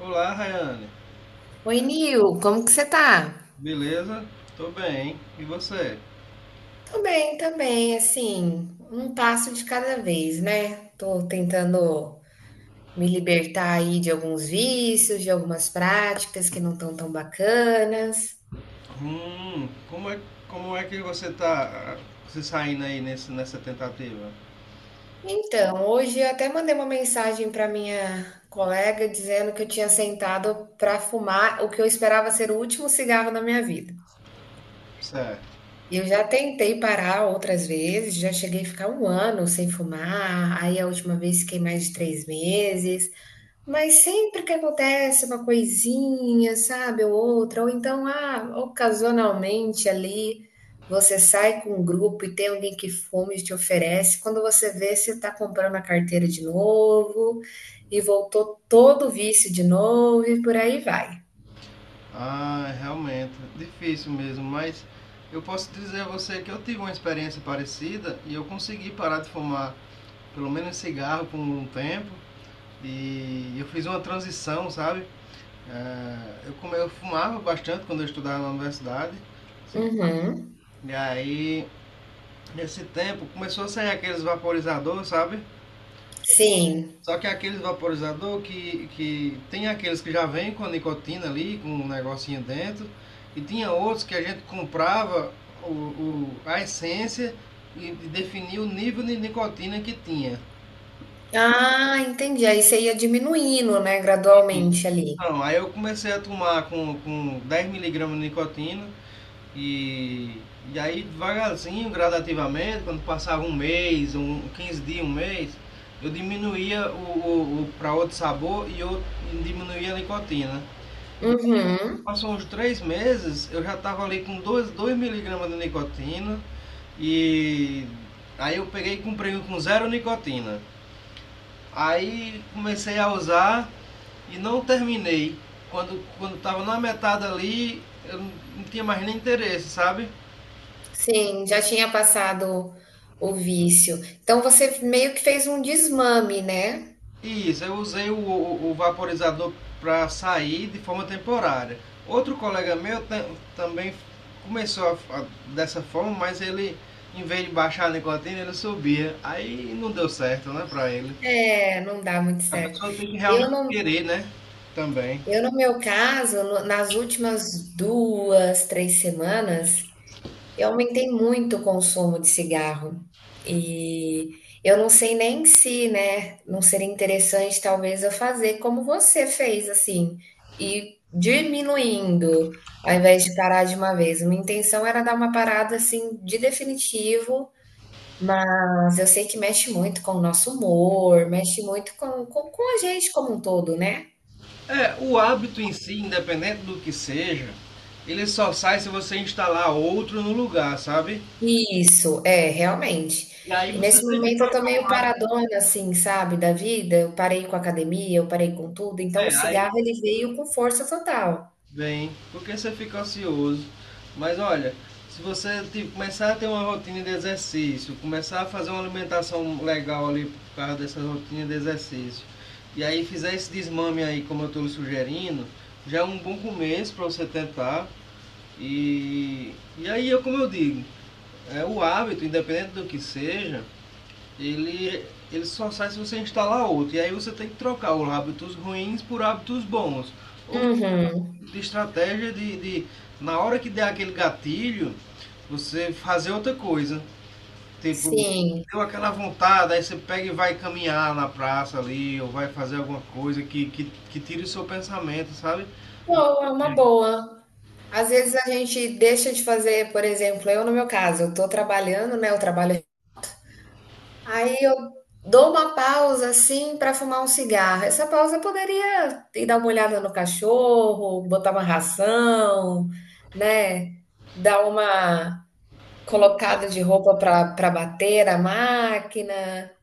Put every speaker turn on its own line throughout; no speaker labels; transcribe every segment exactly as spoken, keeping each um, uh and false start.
Olá, Rayane.
Oi, Nil, como que você tá?
Beleza? Tô bem. E você?
Tô bem, também, assim, um passo de cada vez, né? Tô tentando me libertar aí de alguns vícios, de algumas práticas que não estão tão bacanas.
Hum, como é, como é que você tá, ah, se saindo aí nesse, nessa tentativa?
Então, hoje eu até mandei uma mensagem para minha colega dizendo que eu tinha sentado para fumar o que eu esperava ser o último cigarro da minha vida.
Certo.
Eu já tentei parar outras vezes, já cheguei a ficar um ano sem fumar, aí a última vez fiquei mais de três meses. Mas sempre que acontece uma coisinha, sabe, ou outra, ou então, ah, ocasionalmente ali, você sai com um grupo e tem alguém que fuma e te oferece. Quando você vê, você está comprando a carteira de novo e voltou todo o vício de novo e por aí vai.
Ah, realmente, difícil mesmo, mas eu posso dizer a você que eu tive uma experiência parecida e eu consegui parar de fumar, pelo menos cigarro por um tempo, e eu fiz uma transição, sabe? Ah, eu, come- eu fumava bastante quando eu estudava na universidade,
Uhum.
e aí nesse tempo começou a sair aqueles vaporizadores, sabe?
Sim.
Só que aqueles vaporizador que, que tem aqueles que já vem com a nicotina ali, com um negocinho dentro, e tinha outros que a gente comprava o, o- a essência e definia o nível de nicotina que tinha.
Ah, entendi. Aí você ia diminuindo, né,
Isso.
gradualmente ali.
Então, aí eu comecei a tomar com, com dez miligramas de nicotina, E, e aí devagarzinho, gradativamente, quando passava um mês, um, quinze dias, um mês, eu diminuía o, o, o para outro sabor e eu diminuía a nicotina.
Uhum.
Passou uns três meses, eu já estava ali com dois miligramas de nicotina e aí eu peguei e comprei um com zero nicotina. Aí comecei a usar e não terminei. Quando quando estava na metade ali, eu não não tinha mais nem interesse, sabe?
Sim, já tinha passado o vício. Então você meio que fez um desmame, né?
Isso, eu usei o, o- o vaporizador para sair de forma temporária. Outro colega meu também começou a- a- dessa forma, mas ele, em vez de baixar a nicotina, ele subia. Aí não deu certo, né, para ele.
É, não dá muito
A
certo.
pessoa tem que
Eu
realmente
no
querer, né, também.
eu no meu caso, no nas últimas duas três semanas eu aumentei muito o consumo de cigarro e eu não sei nem se, né, não seria interessante talvez eu fazer como você fez, assim, e diminuindo ao invés de parar de uma vez. Minha intenção era dar uma parada assim de definitivo, mas eu sei que mexe muito com o nosso humor, mexe muito com, com, com a gente como um todo, né?
É, o hábito em si, independente do que seja, ele só sai se você instalar outro no lugar, sabe?
Isso, é, realmente.
E aí
E
você
nesse
tem que
momento eu tô
trocar
meio
um hábito.
paradona, assim, sabe, da vida. Eu parei com a academia, eu parei com tudo. Então o
É, aí
cigarro ele veio com força total.
bem, porque você fica ocioso. Mas olha, se você, tipo, começar a ter uma rotina de exercício, começar a fazer uma alimentação legal ali por causa dessa rotina de exercício, e aí fizer esse desmame aí, como eu estou lhe sugerindo, já é um bom começo para você tentar. E, e aí, eu, como eu digo, é, o hábito, independente do que seja, ele, ele só sai se você instalar outro. E aí você tem que trocar os hábitos ruins por hábitos bons
Uhum,
de estratégia de, de, na hora que der aquele gatilho, você fazer outra coisa. Tipo,
sim.
deu aquela vontade, aí você pega e vai caminhar na praça ali, ou vai fazer alguma coisa que, que, que tire o seu pensamento, sabe?
Boa, uma boa. Às vezes a gente deixa de fazer, por exemplo, eu no meu caso, eu tô trabalhando, né? Eu trabalho. Aí eu dou uma pausa assim para fumar um cigarro. Essa pausa eu poderia ir dar uma olhada no cachorro, botar uma ração, né? Dar uma colocada de roupa para para bater a máquina,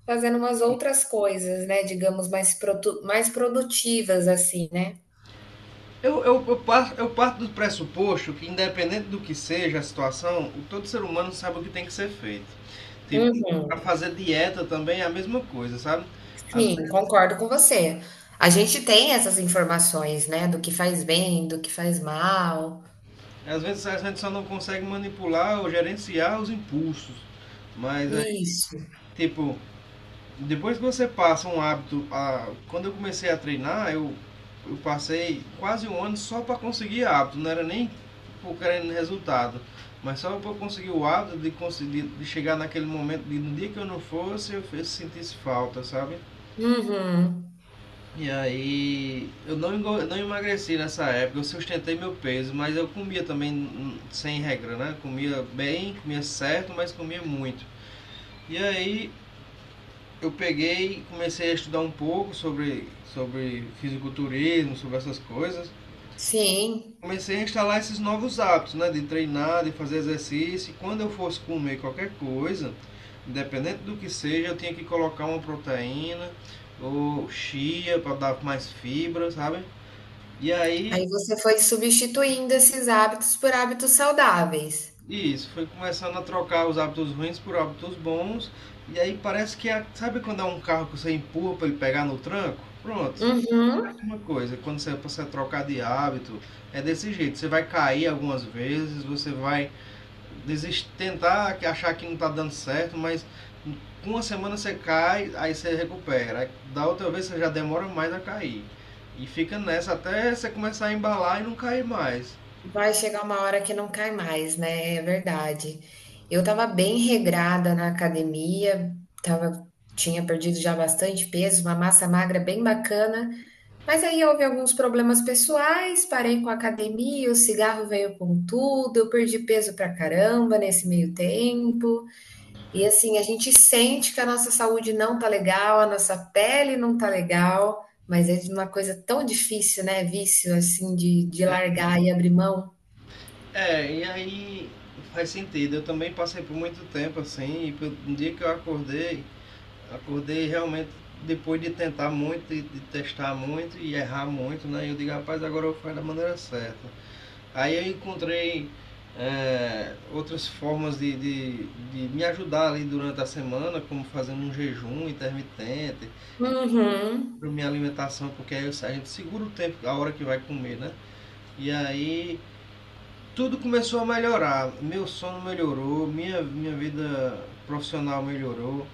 fazendo umas outras coisas, né? Digamos mais produ mais produtivas assim, né?
Eu, eu, eu, parto, eu parto do pressuposto que, independente do que seja a situação, o- todo ser humano sabe o que tem que ser feito. Tipo,
Uhum,
para fazer dieta também é a mesma coisa, sabe? Às,
sim, concordo com você. A gente tem essas informações, né? Do que faz bem, do que faz mal.
às vezes a gente só não consegue manipular ou gerenciar os impulsos, mas
Isso.
tipo, depois que você passa um hábito. A... Quando eu comecei a treinar, eu, eu passei quase um ano só para conseguir hábito, não era nem por querendo resultado. Mas só para conseguir o hábito de conseguir de chegar naquele momento de no dia que eu não fosse, eu fiz- sentisse falta, sabe?
Uhum.
E aí eu não, não emagreci nessa época, eu sustentei meu peso, mas eu comia também hum, sem regra, né? Comia bem, comia certo, mas comia muito. E aí eu peguei e comecei a estudar um pouco sobre, sobre fisiculturismo, sobre essas coisas.
Sim,
Comecei a instalar esses novos hábitos, né? De treinar, de fazer exercício. E quando eu fosse comer qualquer coisa, independente do que seja, eu tinha que colocar uma proteína ou chia para dar mais fibra, sabe? E aí,
aí você foi substituindo esses hábitos por hábitos saudáveis.
isso, foi começando a trocar os hábitos ruins por hábitos bons. E aí parece que, é- sabe quando é um carro que você empurra para ele pegar no tranco? Pronto,
Uhum.
uma coisa, quando você, você trocar de hábito, é desse jeito. Você vai cair algumas vezes, você vai desist, tentar achar que não está dando certo, mas com uma semana você cai, aí você recupera. Aí da outra vez você já demora mais a cair. E fica nessa até você começar a embalar e não cair mais.
Vai chegar uma hora que não cai mais, né, é verdade. Eu tava bem regrada na academia, tava, tinha perdido já bastante peso, uma massa magra bem bacana, mas aí houve alguns problemas pessoais, parei com a academia, o cigarro veio com tudo, eu perdi peso pra caramba nesse meio tempo. E assim, a gente sente que a nossa saúde não tá legal, a nossa pele não tá legal, mas é uma coisa tão difícil, né? Vício, assim, de, de largar e abrir mão.
É, e aí faz sentido. Eu também passei por muito tempo assim, e no dia que eu acordei, acordei realmente depois de tentar muito, de testar muito e errar muito, né? Eu digo, rapaz, agora eu faço da maneira certa. Aí eu encontrei, é, outras formas de, de, de me ajudar ali durante a semana, como fazendo um jejum intermitente, para
Uhum.
minha alimentação, porque aí a gente segura o tempo, a hora que vai comer, né? E aí tudo começou a melhorar. Meu sono melhorou, minha, minha vida profissional melhorou,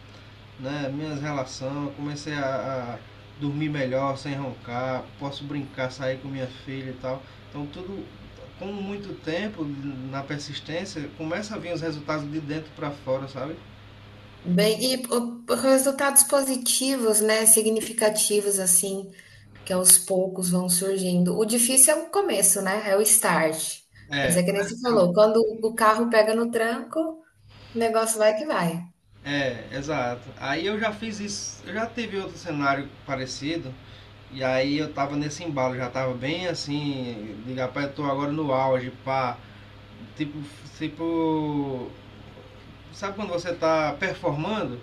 né, minhas relações, comecei a, a dormir melhor, sem roncar, posso brincar, sair com minha filha e tal. Então tudo com muito tempo na persistência, começa a vir os resultados de dentro para fora, sabe?
Bem, e o- o- resultados positivos, né? Significativos, assim, que aos poucos vão surgindo. O difícil é o começo, né? É o start. Mas
É,
é que nem você falou, quando o carro pega no tranco, o negócio vai que vai.
é, exato. Aí eu já fiz isso, eu já tive outro cenário parecido, e aí eu tava nesse embalo, já tava bem assim, de rapaz, eu tô agora no auge, pá. Tipo, tipo. Sabe quando você está performando?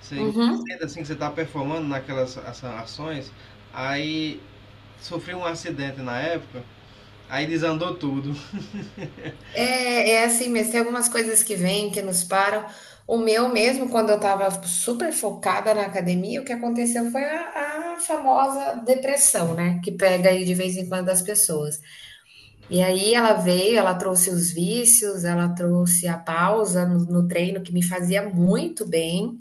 Você
Uhum.
sente assim que você está performando naquelas essa- ações. Aí sofreu um acidente na época. Aí desandou tudo.
É, é assim mesmo. Tem algumas coisas que vêm, que nos param. O meu mesmo, quando eu tava super focada na academia, o que aconteceu foi a, a famosa depressão, né? Que pega aí de vez em quando as pessoas. E aí ela veio, ela trouxe os vícios, ela trouxe a pausa no, no treino, que me fazia muito bem.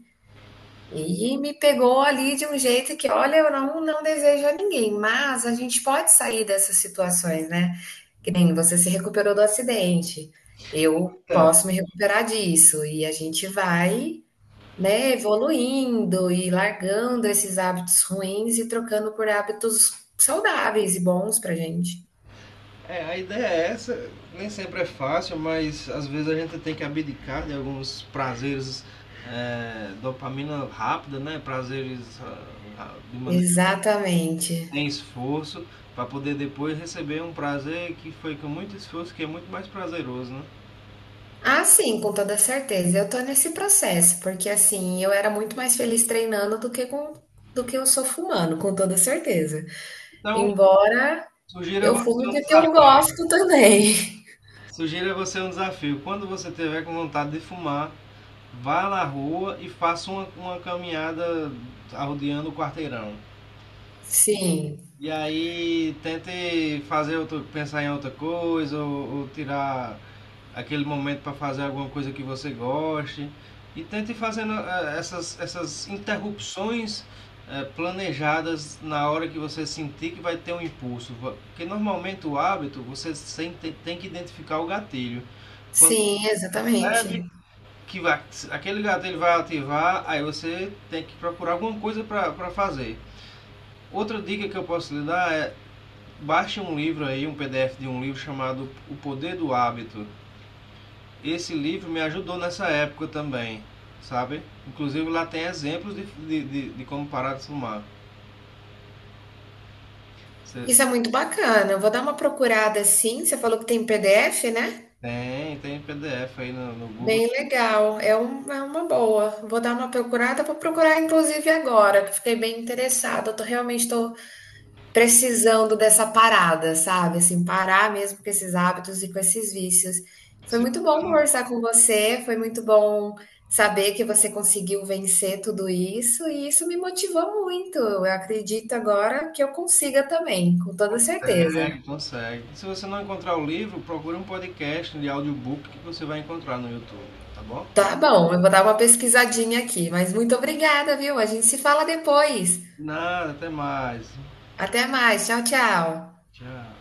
E me pegou ali de um jeito que, olha, eu não, não desejo a ninguém, mas a gente pode sair dessas situações, né? Que nem você se recuperou do acidente, eu posso me recuperar disso. E a gente vai, né, evoluindo e largando esses hábitos ruins e trocando por hábitos saudáveis e bons pra gente.
É, é, a ideia é essa, nem sempre é fácil, mas às vezes a gente tem que abdicar de alguns prazeres, é, dopamina rápida, né? Prazeres, ah, ah, de maneira
Exatamente.
sem esforço, para poder depois receber um prazer que foi com muito esforço, que é muito mais prazeroso, né?
Ah, sim, com toda certeza. Eu tô nesse processo, porque assim, eu era muito mais feliz treinando do que com do que eu sou fumando, com toda certeza.
Então,
Embora
sugiro a
eu fume
você um
porque eu
desafio,
gosto também.
sugiro a você um desafio. Quando você tiver com vontade de fumar, vá na rua e faça uma, uma caminhada rodeando o quarteirão.
Sim.
E aí tente fazer outro, pensar em outra coisa, ou, ou tirar aquele momento para fazer alguma coisa que você goste e tente fazendo eh, essas, essas interrupções eh, planejadas na hora que você sentir que vai ter um impulso, porque normalmente o hábito você sente, tem que identificar o gatilho. Quando
Sim,
percebe
exatamente.
que vai, aquele gatilho vai ativar, aí você tem que procurar alguma coisa para fazer. Outra dica que eu posso lhe dar é: baixe um livro aí, um P D F de um livro chamado O Poder do Hábito. Esse livro me ajudou nessa época também, sabe? Inclusive lá tem exemplos de, de, de, de como parar de fumar. Você
Isso é muito bacana. Eu vou dar uma procurada sim. Você falou que tem P D F, né?
tem, tem P D F aí no, no Google.
Bem legal. É, um, é uma boa. Vou dar uma procurada. Vou procurar, inclusive, agora, que fiquei bem interessada. Eu tô, realmente estou precisando dessa parada, sabe, assim, parar mesmo com esses hábitos e com esses vícios. Foi
Se
muito bom conversar com você, foi muito bom saber que você conseguiu vencer tudo isso e isso me motivou muito. Eu acredito agora que eu consiga também, com toda certeza.
consegue, consegue. Se você não encontrar o livro, procure um podcast de audiobook que você vai encontrar no YouTube, tá bom?
Tá bom, eu vou dar uma pesquisadinha aqui, mas muito obrigada, viu? A gente se fala depois.
Nada, até mais.
Até mais, tchau, tchau.
Tchau.